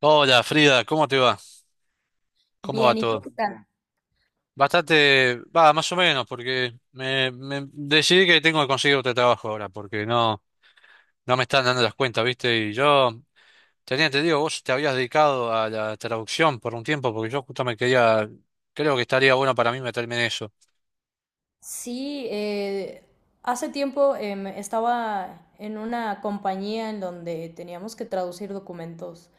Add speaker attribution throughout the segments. Speaker 1: Hola Frida, ¿cómo te va? ¿Cómo va
Speaker 2: Bien, ¿y tú
Speaker 1: todo?
Speaker 2: qué tal?
Speaker 1: Bastante, va, más o menos, porque me decidí que tengo que conseguir otro trabajo ahora, porque no, no me están dando las cuentas, ¿viste? Y yo tenía, te digo, vos te habías dedicado a la traducción por un tiempo, porque yo justo me quería, creo que estaría bueno para mí meterme en eso.
Speaker 2: Sí, hace tiempo estaba en una compañía en donde teníamos que traducir documentos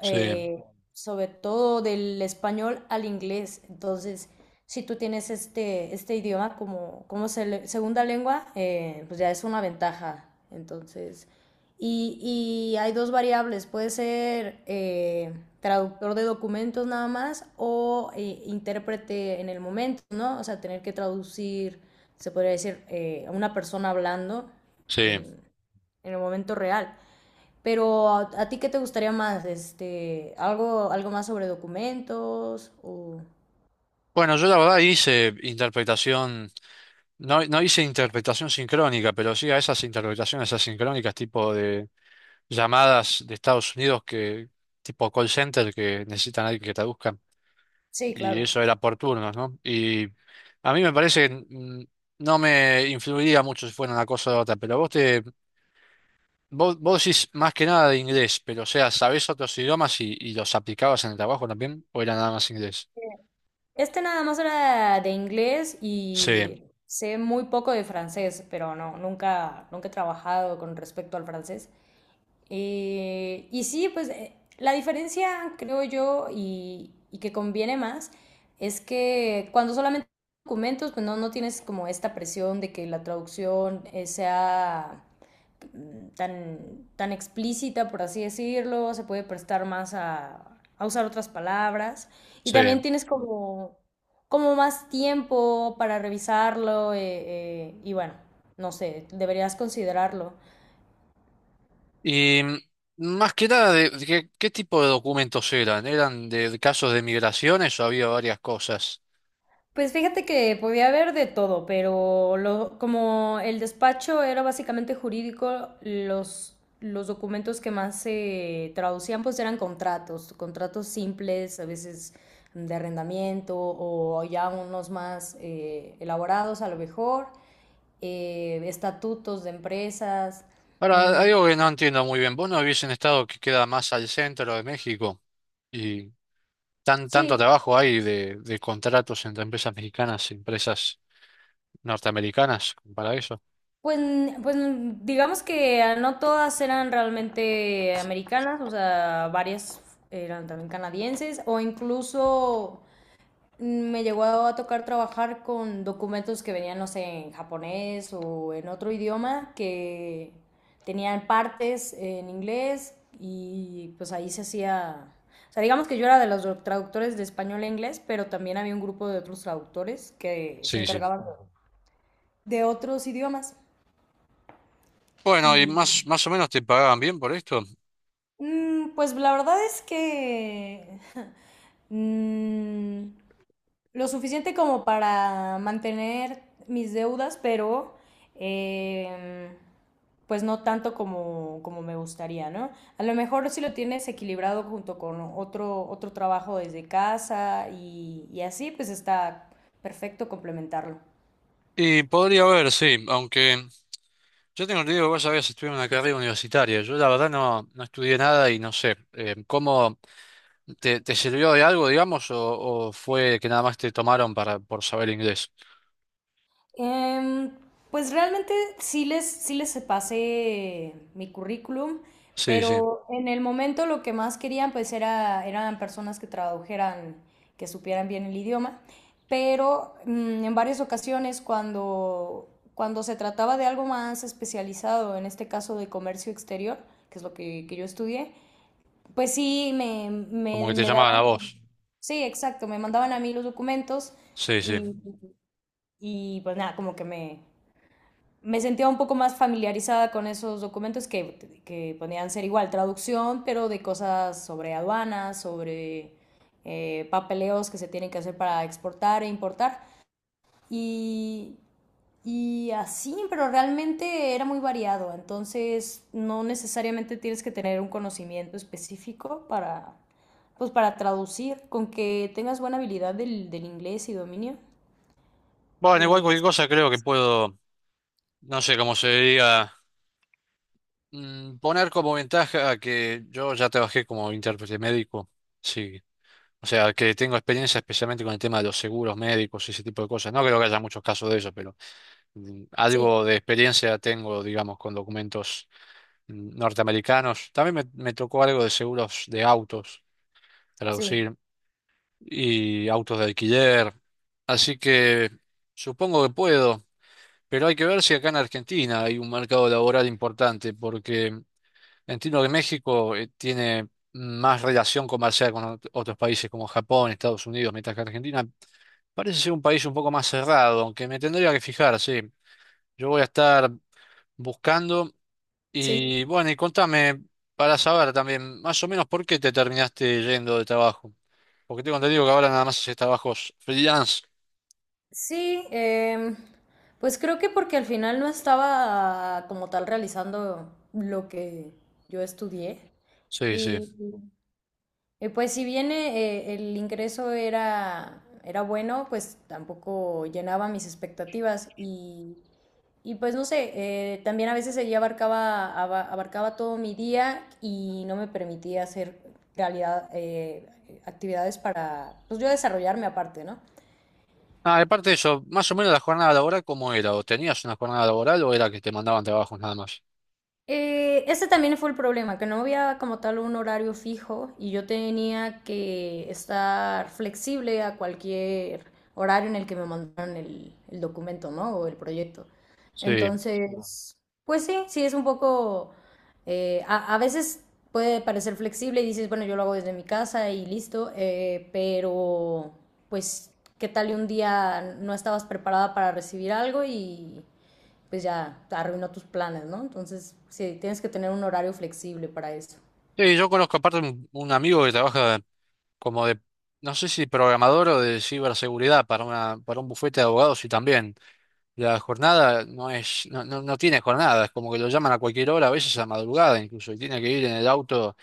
Speaker 1: Sí,
Speaker 2: eh, sobre todo del español al inglés. Entonces, si tú tienes este idioma como, segunda lengua, pues ya es una ventaja. Entonces, y, y hay dos variables, puede ser traductor de documentos nada más o intérprete en el momento, ¿no? O sea, tener que traducir, se podría decir, a una persona hablando
Speaker 1: sí.
Speaker 2: en en el momento real. Pero a ti qué te gustaría más? Este, algo más sobre documentos o...
Speaker 1: Bueno, yo la verdad hice interpretación, no, no hice interpretación sincrónica, pero sí a esas interpretaciones asincrónicas tipo de llamadas de Estados Unidos que, tipo call center, que necesitan a alguien que traduzcan.
Speaker 2: Sí,
Speaker 1: Y
Speaker 2: claro.
Speaker 1: eso era por turnos, ¿no? Y a mí me parece que no me influiría mucho si fuera una cosa u otra, pero vos te, vos decís más que nada de inglés, pero o sea, ¿sabés otros idiomas y los aplicabas en el trabajo también? ¿O era nada más inglés?
Speaker 2: Este nada más era de inglés
Speaker 1: Sí,
Speaker 2: y sé muy poco de francés, pero no, nunca he trabajado con respecto al francés. Y sí, pues la diferencia, creo yo, y que conviene más, es que cuando solamente documentos, pues no, no tienes como esta presión de que la traducción sea tan, tan explícita, por así decirlo, se puede prestar más a usar otras palabras. Y
Speaker 1: sí.
Speaker 2: también tienes como, como más tiempo para revisarlo y bueno, no sé, deberías considerarlo.
Speaker 1: Y más que nada, de qué, ¿qué tipo de documentos eran? ¿Eran de casos de migraciones o había varias cosas?
Speaker 2: Pues fíjate que podía haber de todo, pero como el despacho era básicamente jurídico, los documentos que más se traducían pues eran contratos, contratos simples, a veces de arrendamiento o ya unos más elaborados a lo mejor, estatutos de empresas.
Speaker 1: Ahora,
Speaker 2: mm,
Speaker 1: algo que no entiendo muy bien, vos no vivís en un estado que queda más al centro de México y tan, tanto
Speaker 2: sí.
Speaker 1: trabajo hay de contratos entre empresas mexicanas y empresas norteamericanas para eso.
Speaker 2: Pues, pues digamos que no todas eran realmente americanas, o sea, varias eran también canadienses, o incluso me llegó a tocar trabajar con documentos que venían, no sé, en japonés o en otro idioma, que tenían partes en inglés y pues ahí se hacía, o sea, digamos que yo era de los traductores de español a inglés, pero también había un grupo de otros traductores que se
Speaker 1: Sí, sí.
Speaker 2: encargaban de otros idiomas.
Speaker 1: Bueno, y
Speaker 2: Y
Speaker 1: más, más o menos te pagaban bien por esto.
Speaker 2: Pues la verdad es que mm, lo suficiente como para mantener mis deudas, pero em, pues no tanto como, como me gustaría, ¿no? A lo mejor si lo tienes equilibrado junto con otro trabajo desde casa y así, pues está perfecto complementarlo.
Speaker 1: Y podría haber, sí, aunque yo tengo entendido que vos habías estudiado una carrera universitaria. Yo la verdad no, no estudié nada y no sé, ¿cómo te, te sirvió de algo, digamos, o fue que nada más te tomaron para, por saber inglés?
Speaker 2: Em, pues realmente sí les pasé mi currículum,
Speaker 1: Sí, sí,
Speaker 2: pero en el momento lo que más querían pues era, eran personas que tradujeran, que supieran bien el idioma, pero en varias ocasiones cuando se trataba de algo más especializado, en este caso de comercio exterior, que es que yo estudié, pues sí
Speaker 1: como que te
Speaker 2: me
Speaker 1: llamaban
Speaker 2: daban...
Speaker 1: a vos.
Speaker 2: Sí, exacto, me mandaban a mí los documentos
Speaker 1: Sí, sí.
Speaker 2: y, y pues nada, como que me sentía un poco más familiarizada con esos documentos que podían ser igual traducción, pero de cosas sobre aduanas, sobre papeleos que se tienen que hacer para exportar e importar. Y, y así, pero realmente era muy variado, entonces no necesariamente tienes que tener un conocimiento específico para, pues, para traducir, con que tengas buena habilidad del inglés y dominio.
Speaker 1: Bueno, igual
Speaker 2: eh,
Speaker 1: cualquier cosa creo que puedo, no sé cómo se diría, poner como ventaja que yo ya trabajé como intérprete médico, sí. O sea, que tengo experiencia especialmente con el tema de los seguros médicos y ese tipo de cosas. No creo que haya muchos casos de eso, pero
Speaker 2: sí,
Speaker 1: algo de experiencia tengo, digamos, con documentos norteamericanos. También me tocó algo de seguros de autos,
Speaker 2: sí,
Speaker 1: traducir, y autos de alquiler. Así que supongo que puedo. Pero hay que ver si acá en Argentina hay un mercado laboral importante, porque entiendo que México tiene más relación comercial con otros países como Japón, Estados Unidos, mientras que Argentina parece ser un país un poco más cerrado, aunque me tendría que fijar, sí. Yo voy a estar buscando
Speaker 2: sí.
Speaker 1: y bueno, y contame para saber también más o menos por qué te terminaste yendo de trabajo, porque tengo entendido que ahora nada más haces trabajos freelance.
Speaker 2: Sí, pues creo que porque al final no estaba como tal realizando lo que yo estudié.
Speaker 1: Sí, sí.
Speaker 2: Y, y, pues si bien el ingreso era, era bueno, pues tampoco llenaba mis expectativas. Y, pues no sé, también a veces ella abarcaba, abarcaba todo mi día y no me permitía hacer realidad actividades para, pues yo desarrollarme aparte, ¿no?
Speaker 1: Ah, aparte de eso, más o menos la jornada laboral, ¿cómo era? ¿O tenías una jornada laboral o era que te mandaban trabajos nada más?
Speaker 2: Ese también fue el problema, que no había como tal un horario fijo y yo tenía que estar flexible a cualquier horario en el que me mandaran el documento, ¿no? O el proyecto.
Speaker 1: Sí.
Speaker 2: Entonces, pues sí, sí es un poco, a veces puede parecer flexible y dices, bueno, yo lo hago desde mi casa y listo, pero pues, ¿qué tal y un día no estabas preparada para recibir algo y pues ya te arruinó tus planes, ¿no? Entonces, sí, tienes que tener un horario flexible para eso.
Speaker 1: Sí, yo conozco aparte un amigo que trabaja como de, no sé si programador o de ciberseguridad para una, para un bufete de abogados y también la jornada no es, no, no, no tiene jornada, es como que lo llaman a cualquier hora, a veces a madrugada incluso, y tiene que ir en el auto,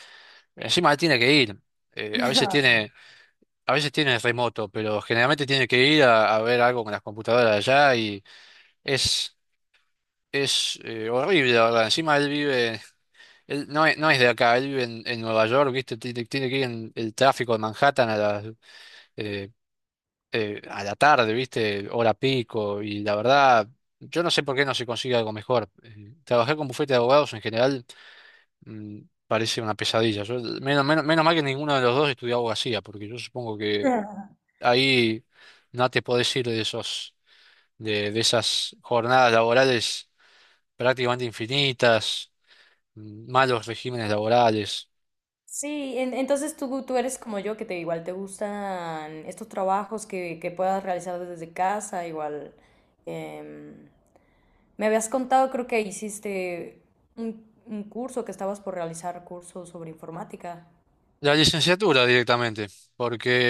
Speaker 1: encima tiene que ir. A veces tiene, a veces tiene remoto, pero generalmente tiene que ir a ver algo con las computadoras allá y es es horrible, la verdad. Encima él vive, él no es, no es de acá, él vive en Nueva York, ¿viste? Tiene, tiene que ir en el tráfico de Manhattan a las, eh, a la tarde, ¿viste? Hora pico. Y la verdad, yo no sé por qué no se consigue algo mejor. Trabajar con bufete de abogados en general mm, parece una pesadilla. Menos, menos, menos mal que ninguno de los dos estudió abogacía, porque yo supongo que ahí no te podés ir de esos, de esas jornadas laborales prácticamente infinitas malos regímenes laborales.
Speaker 2: Sí, entonces tú eres como yo, que te igual te gustan estos trabajos que puedas realizar desde casa, igual. em, Me habías contado, creo que hiciste un curso, que estabas por realizar cursos sobre informática.
Speaker 1: La licenciatura directamente,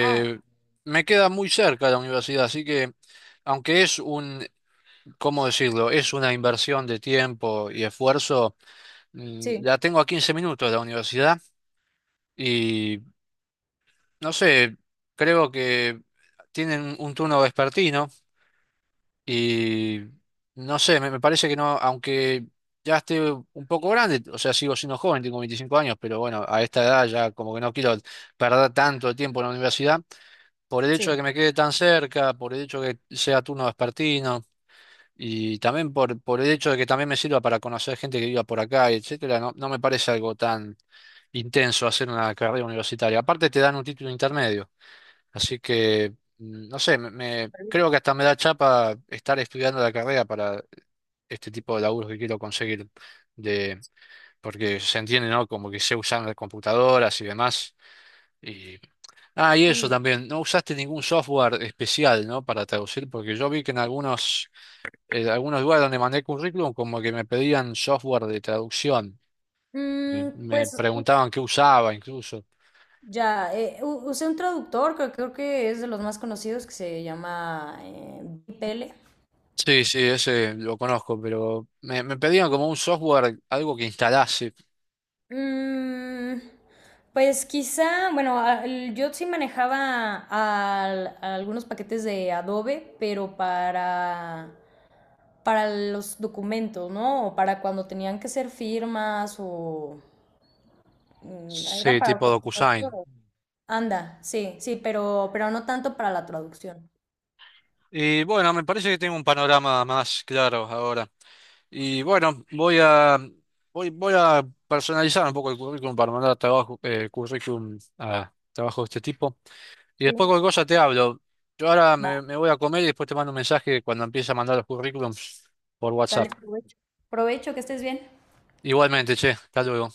Speaker 2: Ah,
Speaker 1: me queda muy cerca la universidad, así que aunque es un, ¿cómo decirlo? Es una inversión de tiempo y esfuerzo,
Speaker 2: sí,
Speaker 1: la tengo a 15 minutos de la universidad y no sé, creo que tienen un turno vespertino. Y no sé, me parece que no, aunque ya esté un poco grande, o sea, sigo siendo joven, tengo 25 años, pero bueno, a esta edad ya como que no quiero perder tanto tiempo en la universidad, por el hecho de
Speaker 2: sí.
Speaker 1: que me quede tan cerca, por el hecho de que sea turno vespertino, y también por el hecho de que también me sirva para conocer gente que viva por acá, etcétera, no, no me parece algo tan intenso hacer una carrera universitaria. Aparte te dan un título intermedio, así que no sé, me, creo que hasta me da chapa estar estudiando la carrera para este tipo de laburos que quiero conseguir de porque se entiende, ¿no? Como que sé usar las computadoras y demás. Y, ah, y eso
Speaker 2: Sí.
Speaker 1: también, ¿no usaste ningún software especial, ¿no? Para traducir, porque yo vi que en algunos lugares donde mandé currículum, como que me pedían software de traducción. Sí.
Speaker 2: Mm,
Speaker 1: Me
Speaker 2: pues
Speaker 1: preguntaban qué usaba incluso.
Speaker 2: ya, usé un traductor que creo que es de los más conocidos que se llama DeepL.
Speaker 1: Sí, sí, ese lo conozco, pero me pedían como un software, algo que instalase,
Speaker 2: Mm, pues quizá, bueno, yo sí manejaba algunos paquetes de Adobe, pero para los documentos, ¿no? O para cuando tenían que ser firmas o eran
Speaker 1: sí,
Speaker 2: para
Speaker 1: tipo
Speaker 2: otro tipo de
Speaker 1: DocuSign.
Speaker 2: cosas. Anda, sí, sí, pero no tanto para la traducción.
Speaker 1: Y bueno, me parece que tengo un panorama más claro ahora. Y bueno, voy a, voy, voy a personalizar un poco el currículum para mandar trabajo, currículum a trabajo de este tipo. Y
Speaker 2: Sí,
Speaker 1: después cualquier cosa te hablo. Yo ahora
Speaker 2: va.
Speaker 1: me, me voy a comer y después te mando un mensaje cuando empiece a mandar los currículums por WhatsApp.
Speaker 2: Dale, provecho. Provecho, que estés bien.
Speaker 1: Igualmente, che, hasta luego.